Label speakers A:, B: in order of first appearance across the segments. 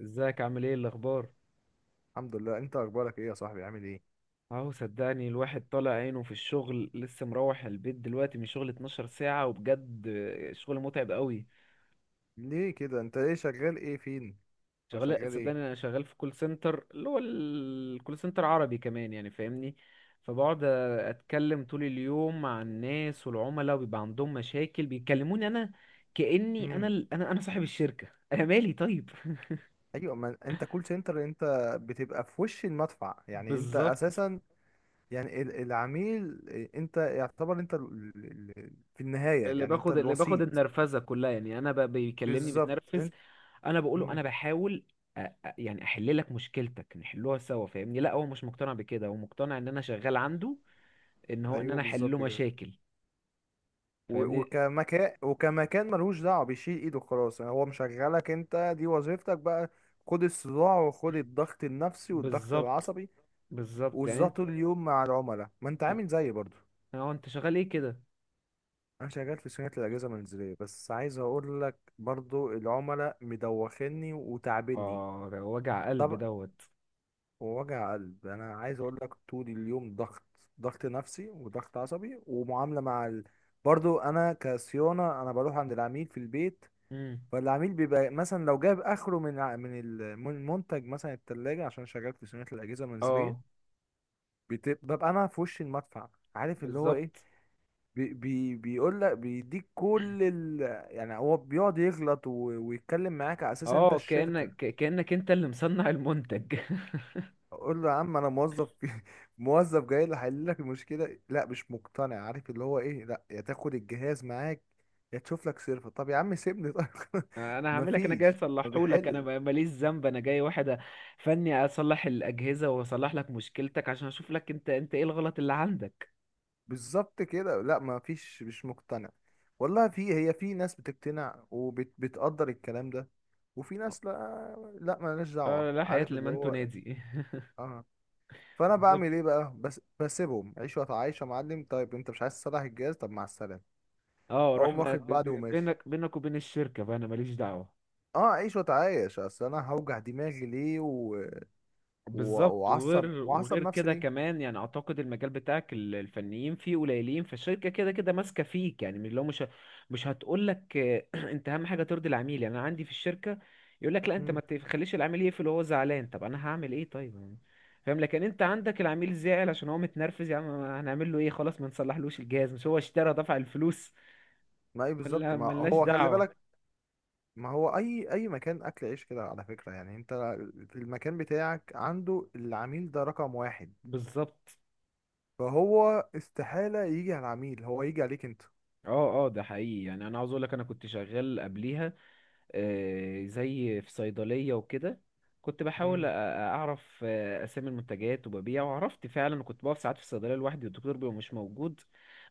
A: ازيك عامل ايه الاخبار؟
B: الحمد لله، انت اخبارك ايه يا صاحبي؟ عامل ايه؟
A: اهو صدقني، الواحد طالع عينه في الشغل، لسه مروح البيت دلوقتي من شغل 12 ساعة، وبجد شغل متعب قوي.
B: ليه كده؟ انت ايه شغال ايه فين؟ أو
A: شغال
B: شغال ايه؟
A: صدقني، انا شغال في كول سنتر، اللي هو الكول سنتر عربي كمان، يعني فاهمني. فبقعد اتكلم طول اليوم مع الناس والعملاء، وبيبقى عندهم مشاكل بيكلموني انا، كأني
B: امم.
A: انا انا صاحب الشركة انا مالي طيب
B: ايوه، ما انت كول سنتر انت. بتبقى في وش المدفع يعني، انت
A: بالظبط.
B: اساسا. يعني العميل إيه، انت يعتبر في النهاية
A: اللي
B: يعني انت
A: باخد اللي باخد
B: الوسيط.
A: النرفزه كلها، يعني انا بيكلمني
B: بالظبط،
A: متنرفز.
B: انت.
A: انا بقول له
B: امم.
A: انا بحاول أ- يعني احل لك مشكلتك، نحلوها سوا، فاهمني؟ لا هو مش مقتنع بكده، هو مقتنع ان انا شغال عنده، ان هو ان
B: ايوه،
A: انا احل له
B: بالظبط كده.
A: مشاكل، فاهمني؟
B: وكمكان ملوش دعوة، بيشيل ايده خلاص، يعني هو مشغلك انت، دي وظيفتك بقى. خد الصداع، وخد الضغط النفسي والضغط
A: بالظبط
B: العصبي.
A: بالظبط يعني
B: وصداع
A: انت.
B: طول اليوم مع العملاء، ما انت عامل زيي برضو.
A: هو انت شغال ايه كده؟
B: انا شغال في صيانه الاجهزه المنزليه، بس عايز اقول لك برضو، العملاء مدوخني وتعبني.
A: اه ده وجع قلب
B: طب.
A: دوت.
B: ووجع قلب، انا عايز اقول لك طول اليوم ضغط. ضغط نفسي وضغط عصبي ومعامله مع ال. برضو انا كصيانه، انا بروح عند العميل في البيت.
A: امم.
B: فالعميل بيبقى مثلا لو جاب اخره من ع- من ال- من المنتج مثلا، التلاجة، عشان شغال في صيانه الاجهزه
A: اه
B: المنزليه. ببقى انا في وش المدفع. عارف اللي هو ايه؟
A: بالظبط.
B: بي بي بيقول لك، بيديك كل ال. يعني هو بيقعد يغلط و. ويتكلم معاك على اساس إن انت
A: اه
B: الشركه.
A: كأنك انت اللي مصنع المنتج
B: اقول له يا عم، انا موظف في. موظف جاي لي حل لك المشكله. لا، مش مقتنع. عارف اللي هو ايه؟ لا، يا تاخد الجهاز معاك، يا تشوف لك سيرفر. طب يا عم، سيبني طيب.
A: انا هعملك، انا جاي
B: مفيش. ما
A: اصلحه لك، انا
B: بيحل.
A: ماليش ذنب، انا جاي واحد فني اصلح الاجهزه واصلح لك مشكلتك، عشان اشوف لك انت ايه الغلط اللي عندك.
B: بالظبط كده. لا مفيش، مش مقتنع. والله، في ناس بتقتنع وبتقدر الكلام ده. وفي ناس، لا، لا مالناش
A: آه،
B: دعوة.
A: لا حياه
B: عارف اللي
A: لمن
B: هو إيه؟
A: تنادي
B: اه. فانا
A: بالظبط.
B: بعمل ايه بقى؟ بس بسيبهم عيش وتعايش. يا معلم، طيب انت مش عايز تصلح الجهاز؟ طب مع السلامه.
A: اه روح
B: اقوم واخد
A: بقى.
B: بعضي وماشي.
A: بينك وبين الشركه، بقى انا ماليش دعوه.
B: اه، عيش وتعايش، اصل انا هوجع دماغي ليه و.
A: بالظبط. وغير
B: وعصب
A: وغير
B: نفسي
A: كده
B: ليه؟
A: كمان، يعني اعتقد المجال بتاعك الفنيين فيه قليلين، فالشركه كده كده ماسكه فيك، يعني من لو مش هتقول لك انت اهم حاجه ترضي العميل. يعني انا عندي في الشركه يقول لك، لا انت ما
B: مم.
A: تخليش العميل يقفل وهو زعلان، طب انا هعمل ايه طيب يعني؟ فاهم؟ لكن انت عندك العميل زعل عشان هو متنرفز، يعني هنعمل له ايه؟ خلاص ما نصلحلوش الجهاز؟ مش هو اشترى دفع الفلوس؟
B: ما ايه بالظبط
A: ولا
B: ما.
A: ملناش
B: هو خلي
A: دعوه؟
B: بالك. ما هو اي مكان اكل عيش كده، على فكره، يعني انت في المكان بتاعك عنده، العميل ده رقم واحد.
A: بالظبط.
B: فهو استحاله يجي على العميل، هو يجي عليك انت.
A: اه اه ده حقيقي، يعني انا عاوز اقول لك انا كنت شغال قبليها، آه، زي في صيدلية وكده. كنت بحاول
B: امم.
A: أعرف أسامي المنتجات وببيع، وعرفت فعلا، كنت بقف ساعات في الصيدلية لوحدي والدكتور بيبقى مش موجود.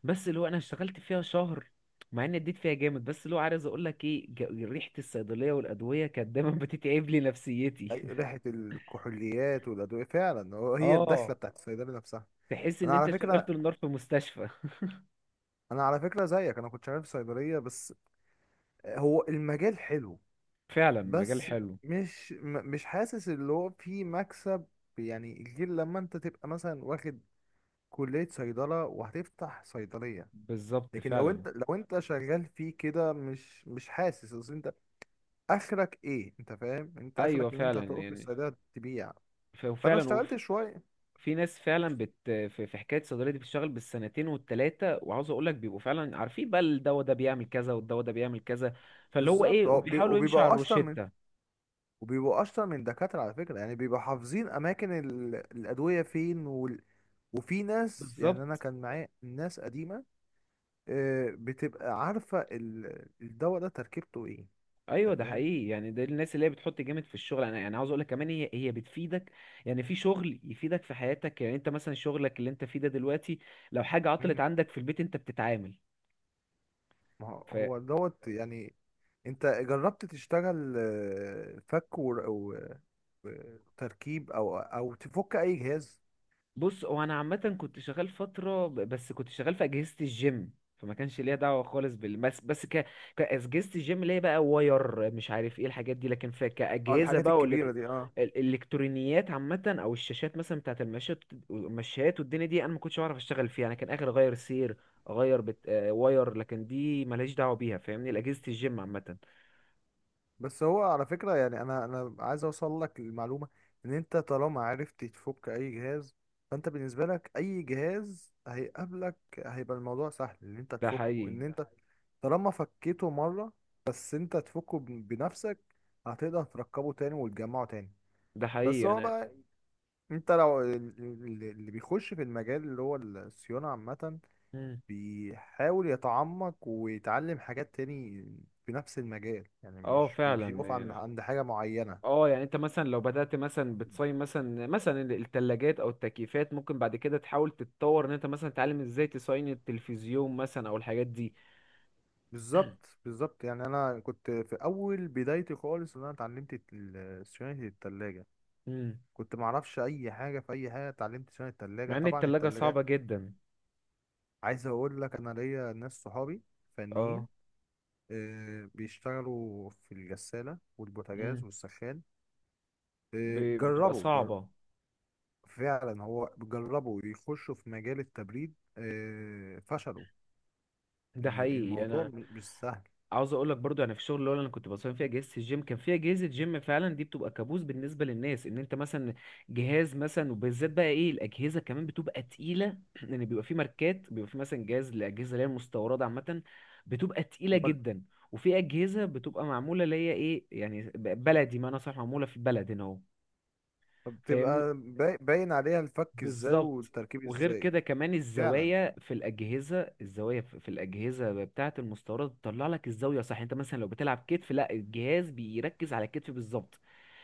A: بس اللي هو أنا اشتغلت فيها شهر، مع إني اديت فيها جامد، بس اللي هو عايز أقول لك إيه، ريحة الصيدلية والأدوية كانت دايما بتتعب لي نفسيتي
B: ريحه الكحوليات والادويه فعلا، هي الدخله
A: اه.
B: بتاعت الصيدلي نفسها.
A: تحس
B: انا
A: إن أنت
B: على
A: شغلت
B: فكره.
A: النار في مستشفى
B: انا على فكره زيك، انا كنت شغال في صيدليه بس. هو المجال حلو.
A: فعلا مجال
B: بس
A: حلو.
B: مش حاسس اللي هو فيه مكسب. يعني غير لما انت تبقى مثلا واخد كليه صيدله، وهتفتح صيدليه.
A: بالظبط
B: لكن لو
A: فعلا.
B: انت لو انت شغال فيه كده مش حاسس، اصل انت اخرك ايه؟ انت فاهم. انت
A: أيوه
B: اخرك اللي انت
A: فعلا،
B: هتقف في
A: يعني
B: الصيدليه تبيع. فانا
A: وفعلا
B: اشتغلت شويه.
A: في ناس فعلا في حكايه الصيدليه دي بتشتغل بالسنتين والتلاته، وعاوز اقول لك بيبقوا فعلا عارفين بقى الدواء ده بيعمل كذا والدواء ده بيعمل كذا، فاللي هو
B: بالظبط.
A: ايه،
B: هو
A: وبيحاولوا يمشوا على
B: وبيبقى اشطر من
A: الروشته.
B: وبيبقوا اشطر من دكاترة على فكرة، يعني بيبقوا حافظين اماكن الادوية فين، وال. وفي ناس، يعني
A: بالظبط.
B: انا كان معايا ناس قديمة. آه، بتبقى عارفة الدواء ده تركيبته ايه.
A: ايوه
B: انت
A: ده
B: فاهم.
A: حقيقي، يعني ده الناس اللي هي بتحط جامد في الشغل. انا يعني عاوز اقول لك كمان، هي بتفيدك، يعني في شغل يفيدك في حياتك. يعني انت مثلا شغلك اللي انت فيه ده دلوقتي، لو حاجه
B: مم.
A: عطلت عندك في البيت انت بتتعامل.
B: ما هو دوت يعني. انت جربت تشتغل، آه، فك وتركيب او تفك اي جهاز؟
A: بص، هو انا عامه كنت شغال فتره بس كنت شغال في اجهزه الجيم، فما كانش ليا دعوه خالص بال بس بس كاجهزه الجيم اللي هي بقى واير، مش عارف ايه الحاجات دي. لكن في
B: اه،
A: كاجهزه
B: الحاجات
A: بقى
B: الكبيرة دي، اه.
A: الالكترونيات عامه، او الشاشات مثلا بتاعه المشات والدنيا دي انا ما كنتش بعرف اشتغل فيها، انا كان اخر اغير سير، اغير بت... آه، واير، لكن دي ملهاش دعوه بيها، فاهمني؟ الاجهزه الجيم عامه.
B: بس هو على فكرة، يعني انا عايز اوصل لك المعلومة، ان انت طالما عرفت تفك اي جهاز، فانت بالنسبة لك اي جهاز هيقابلك، هيبقى الموضوع سهل ان انت
A: ده
B: تفكه،
A: حقيقي.
B: ان انت طالما فكيته مرة، بس انت تفكه بنفسك، هتقدر تركبه تاني وتجمعه تاني.
A: ده
B: بس
A: حقيقي
B: هو
A: انا.
B: بقى، انت لو اللي بيخش في المجال اللي هو الصيانة عامة،
A: مم.
B: بيحاول يتعمق ويتعلم حاجات تاني في نفس المجال، يعني
A: اه
B: مش
A: فعلا
B: بيقف عند
A: يعني.
B: عند حاجة معينة.
A: اه يعني انت مثلا لو بدأت مثلا بتصين مثلا الثلاجات او التكييفات، ممكن بعد كده تحاول تتطور ان انت مثلا تتعلم ازاي تصين التلفزيون مثلا او الحاجات دي.
B: بالظبط، بالظبط، يعني أنا كنت في أول بدايتي خالص، إن أنا اتعلمت صيانة التلاجة.
A: امم.
B: كنت معرفش أي حاجة في أي حاجة، اتعلمت صيانة التلاجة
A: مع ان
B: طبعا،
A: الثلاجة
B: التلاجات.
A: صعبة جدا.
B: عايز أقول لك، أنا ليا ناس صحابي فنيين،
A: اه.
B: آه، بيشتغلوا في الغسالة والبوتاجاز
A: امم.
B: والسخان. آه،
A: بتبقى
B: جربوا.
A: صعبة.
B: فعلا، هو جربوا يخشوا في مجال التبريد، آه، فشلوا.
A: ده
B: إن
A: حقيقي
B: الموضوع
A: انا
B: مش سهل.
A: عاوز اقول لك برضو، يعني في الشغل اللي هو انا كنت بصمم فيها اجهزه الجيم، كان فيها اجهزه جيم فعلا دي بتبقى كابوس بالنسبه للناس. ان انت مثلا جهاز مثلا، وبالذات بقى ايه، الاجهزه كمان بتبقى تقيله لان بيبقى في ماركات، بيبقى في مثلا جهاز، الاجهزه اللي هي المستورده عامه بتبقى تقيله
B: اللي هو
A: جدا، وفي اجهزه بتبقى معموله اللي هي ايه يعني بلدي، ما انا صح، معموله في البلد هنا. اهو.
B: بتبقى باين عليها الفك ازاي
A: بالظبط.
B: والتركيب
A: وغير
B: ازاي.
A: كده كمان
B: فعلا.
A: الزوايا في الأجهزة، الزوايا في الأجهزة بتاعة المستوردة بتطلع لك الزاوية صح. انت مثلا لو بتلعب كتف، لا الجهاز بيركز على الكتف بالظبط.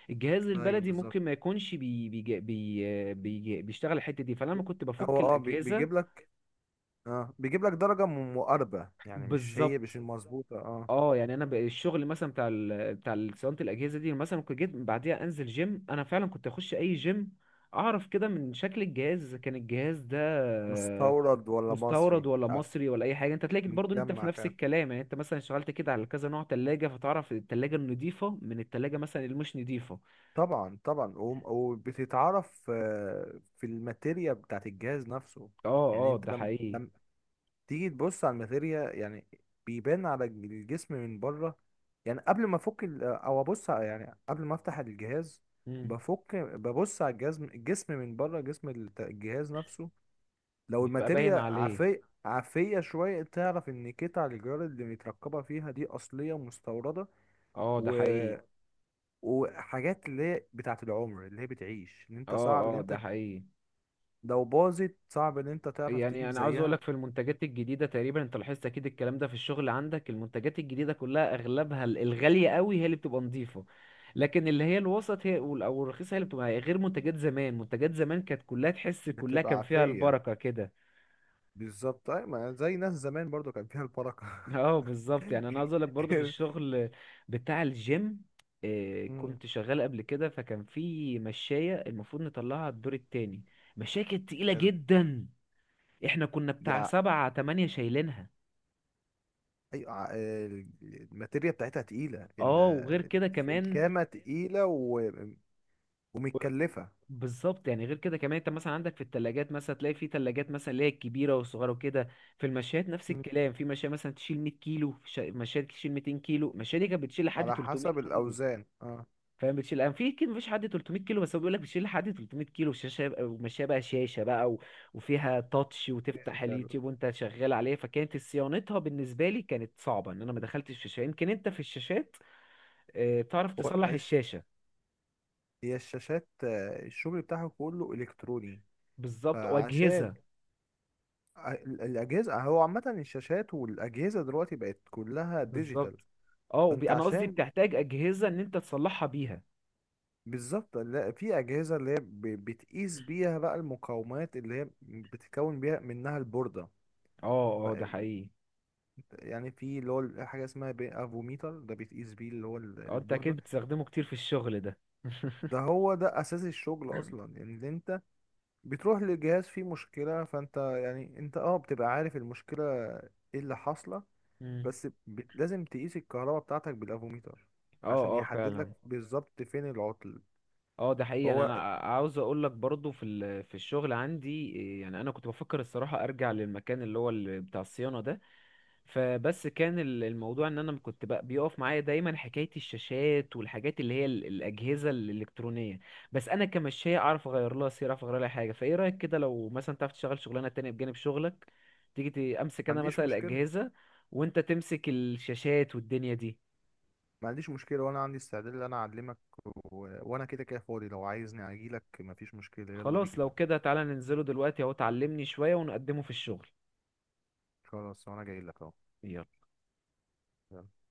A: الجهاز
B: ايوه
A: البلدي
B: بالظبط.
A: ممكن ما يكونش بي بي بي بي بيشتغل الحتة دي فلما كنت
B: هو
A: بفك
B: بيجيب
A: الأجهزة.
B: لك، اه، بيجيب لك درجة مقاربة، يعني مش
A: بالظبط.
B: المظبوطة، اه.
A: اه يعني انا الشغل مثلا صيانه الاجهزه دي مثلا، كنت جيت بعديها انزل جيم انا، فعلا كنت اخش اي جيم اعرف كده من شكل الجهاز اذا كان الجهاز ده
B: مستورد ولا
A: مستورد
B: مصري،
A: ولا
B: آه.
A: مصري ولا اي حاجه. انت تلاقي برضو انت في
B: متجمع
A: نفس
B: فعلا.
A: الكلام، يعني انت مثلا اشتغلت كده على كذا نوع تلاجة، فتعرف التلاجة النضيفة من التلاجة مثلا اللي مش نضيفة.
B: طبعا طبعا، وبتتعرف، آه، في الماتيريا بتاعت الجهاز نفسه.
A: اه
B: يعني
A: اه
B: انت
A: ده حقيقي.
B: لما تيجي تبص على الماتيريا يعني، بيبان على الجسم من بره، يعني قبل ما افك او يعني قبل ما افتح الجهاز،
A: مم.
B: بفك، ببص على الجسم من بره، جسم الجهاز نفسه. لو
A: بيبقى
B: الماتيريا
A: باين عليه.
B: عافية عافية شوية، تعرف ان قطع الجدار اللي متركبة فيها دي اصلية مستوردة.
A: اه ده
B: و...
A: حقيقي.
B: وحاجات اللي هي بتاعة العمر، اللي هي بتعيش، ان
A: اه
B: انت صعب، ان
A: اه ده
B: انت
A: حقيقي،
B: لو باظت، صعب ان انت تعرف تجيب
A: يعني انا عاوز
B: زيها.
A: اقولك في المنتجات الجديده تقريبا، انت لاحظت اكيد الكلام ده في الشغل عندك، المنتجات الجديده كلها اغلبها الغاليه قوي هي اللي بتبقى نظيفه، لكن اللي هي الوسط هي او الرخيصه هي اللي بتبقى غير منتجات زمان. منتجات زمان كانت كلها، تحس كلها
B: بتبقى
A: كان فيها
B: عافية.
A: البركه كده.
B: بالظبط، اي ما زي ناس زمان برضو، كان فيها البركه.
A: اه بالظبط،
B: كان-
A: يعني انا عاوز اقول لك برضه في الشغل بتاع الجيم،
B: مم،
A: كنت شغال قبل كده، فكان في مشاية المفروض نطلعها الدور التاني، مشاية كانت تقيلة
B: حلو.
A: جدا، احنا كنا
B: دي
A: بتاع سبعة تمانية شايلينها.
B: ايوه، الماتيريا بتاعتها تقيله،
A: اه وغير كده كمان.
B: الكامه تقيله، ومتكلفه.
A: بالظبط، يعني غير كده كمان انت مثلا عندك في التلاجات، مثلا تلاقي في تلاجات مثلا اللي هي الكبيرة والصغيرة وكده، في المشايات نفس
B: مم.
A: الكلام، في مشاية مثلا تشيل 100 كيلو، في مشاية تشيل 200 كيلو، المشاية دي كانت بتشيل لحد
B: على
A: 300
B: حسب
A: كيلو.
B: الاوزان، اه.
A: فاهم بتشيل انا في كيلو مفيش حد 300 كيلو، بس هو بيقول لك بتشيل لحد 300 كيلو. شاشه وماشيه بقى، شاشه بقى وفيها تاتش وتفتح
B: ديجيتال.
A: اليوتيوب وانت شغال عليه، فكانت صيانتها بالنسبه لي كانت صعبه ان انا ما دخلتش في الشاشه. يمكن انت في الشاشات تعرف
B: هو
A: تصلح
B: أش...
A: الشاشه.
B: هي الشاشات، آه، الشغل بتاعها كله الكتروني.
A: بالظبط
B: فعشان
A: واجهزه.
B: الاجهزه، هو عامه الشاشات والاجهزه دلوقتي بقت كلها ديجيتال.
A: بالظبط. اه
B: فانت
A: انا قصدي
B: عشان
A: بتحتاج اجهزه ان انت تصلحها بيها.
B: بالظبط. لا، في اجهزه اللي هي بتقيس بيها بقى المقاومات، اللي هي بتتكون بيها منها البورده.
A: اه
B: ف
A: اه ده حقيقي.
B: يعني في اللي هو حاجه اسمها افوميتر، ده بتقيس بيه اللي هو
A: اه انت اكيد
B: البورده.
A: بتستخدمه كتير في الشغل ده
B: ده هو ده اساس الشغل اصلا، يعني اللي انت بتروح للجهاز فيه مشكله، فانت يعني انت بتبقى عارف المشكله ايه اللي حاصله.
A: مم.
B: بس لازم تقيس الكهرباء بتاعتك بالافوميتر،
A: اه
B: عشان
A: اه
B: يحدد
A: فعلا.
B: لك بالظبط فين العطل.
A: اه ده حقيقي، يعني
B: هو
A: انا عاوز اقول لك برضو في في الشغل عندي إيه، يعني انا كنت بفكر الصراحه ارجع للمكان اللي هو بتاع الصيانه ده، فبس كان الموضوع ان انا كنت بقى بيقف معايا دايما حكايه الشاشات والحاجات اللي هي الاجهزه الالكترونيه. بس انا كمشاية اعرف اغير لها سير، اعرف اغير لها حاجه. فايه رايك كده لو مثلا تعرف تشتغل شغلانه تانية بجانب شغلك، تيجي امسك
B: ما
A: انا
B: عنديش
A: مثلا
B: مشكله.
A: الاجهزه وانت تمسك الشاشات والدنيا دي.
B: ما عنديش مشكلة، وانا عندي استعداد ان انا اعلمك، وانا كده كده فاضي، لو عايزني اجيلك مفيش مشكلة، يلا
A: خلاص لو
B: بينا.
A: كده تعالى ننزله دلوقتي اهو، تعلمني شويه ونقدمه في الشغل.
B: خلاص، وانا جايلك اهو.
A: يلا.
B: يلا.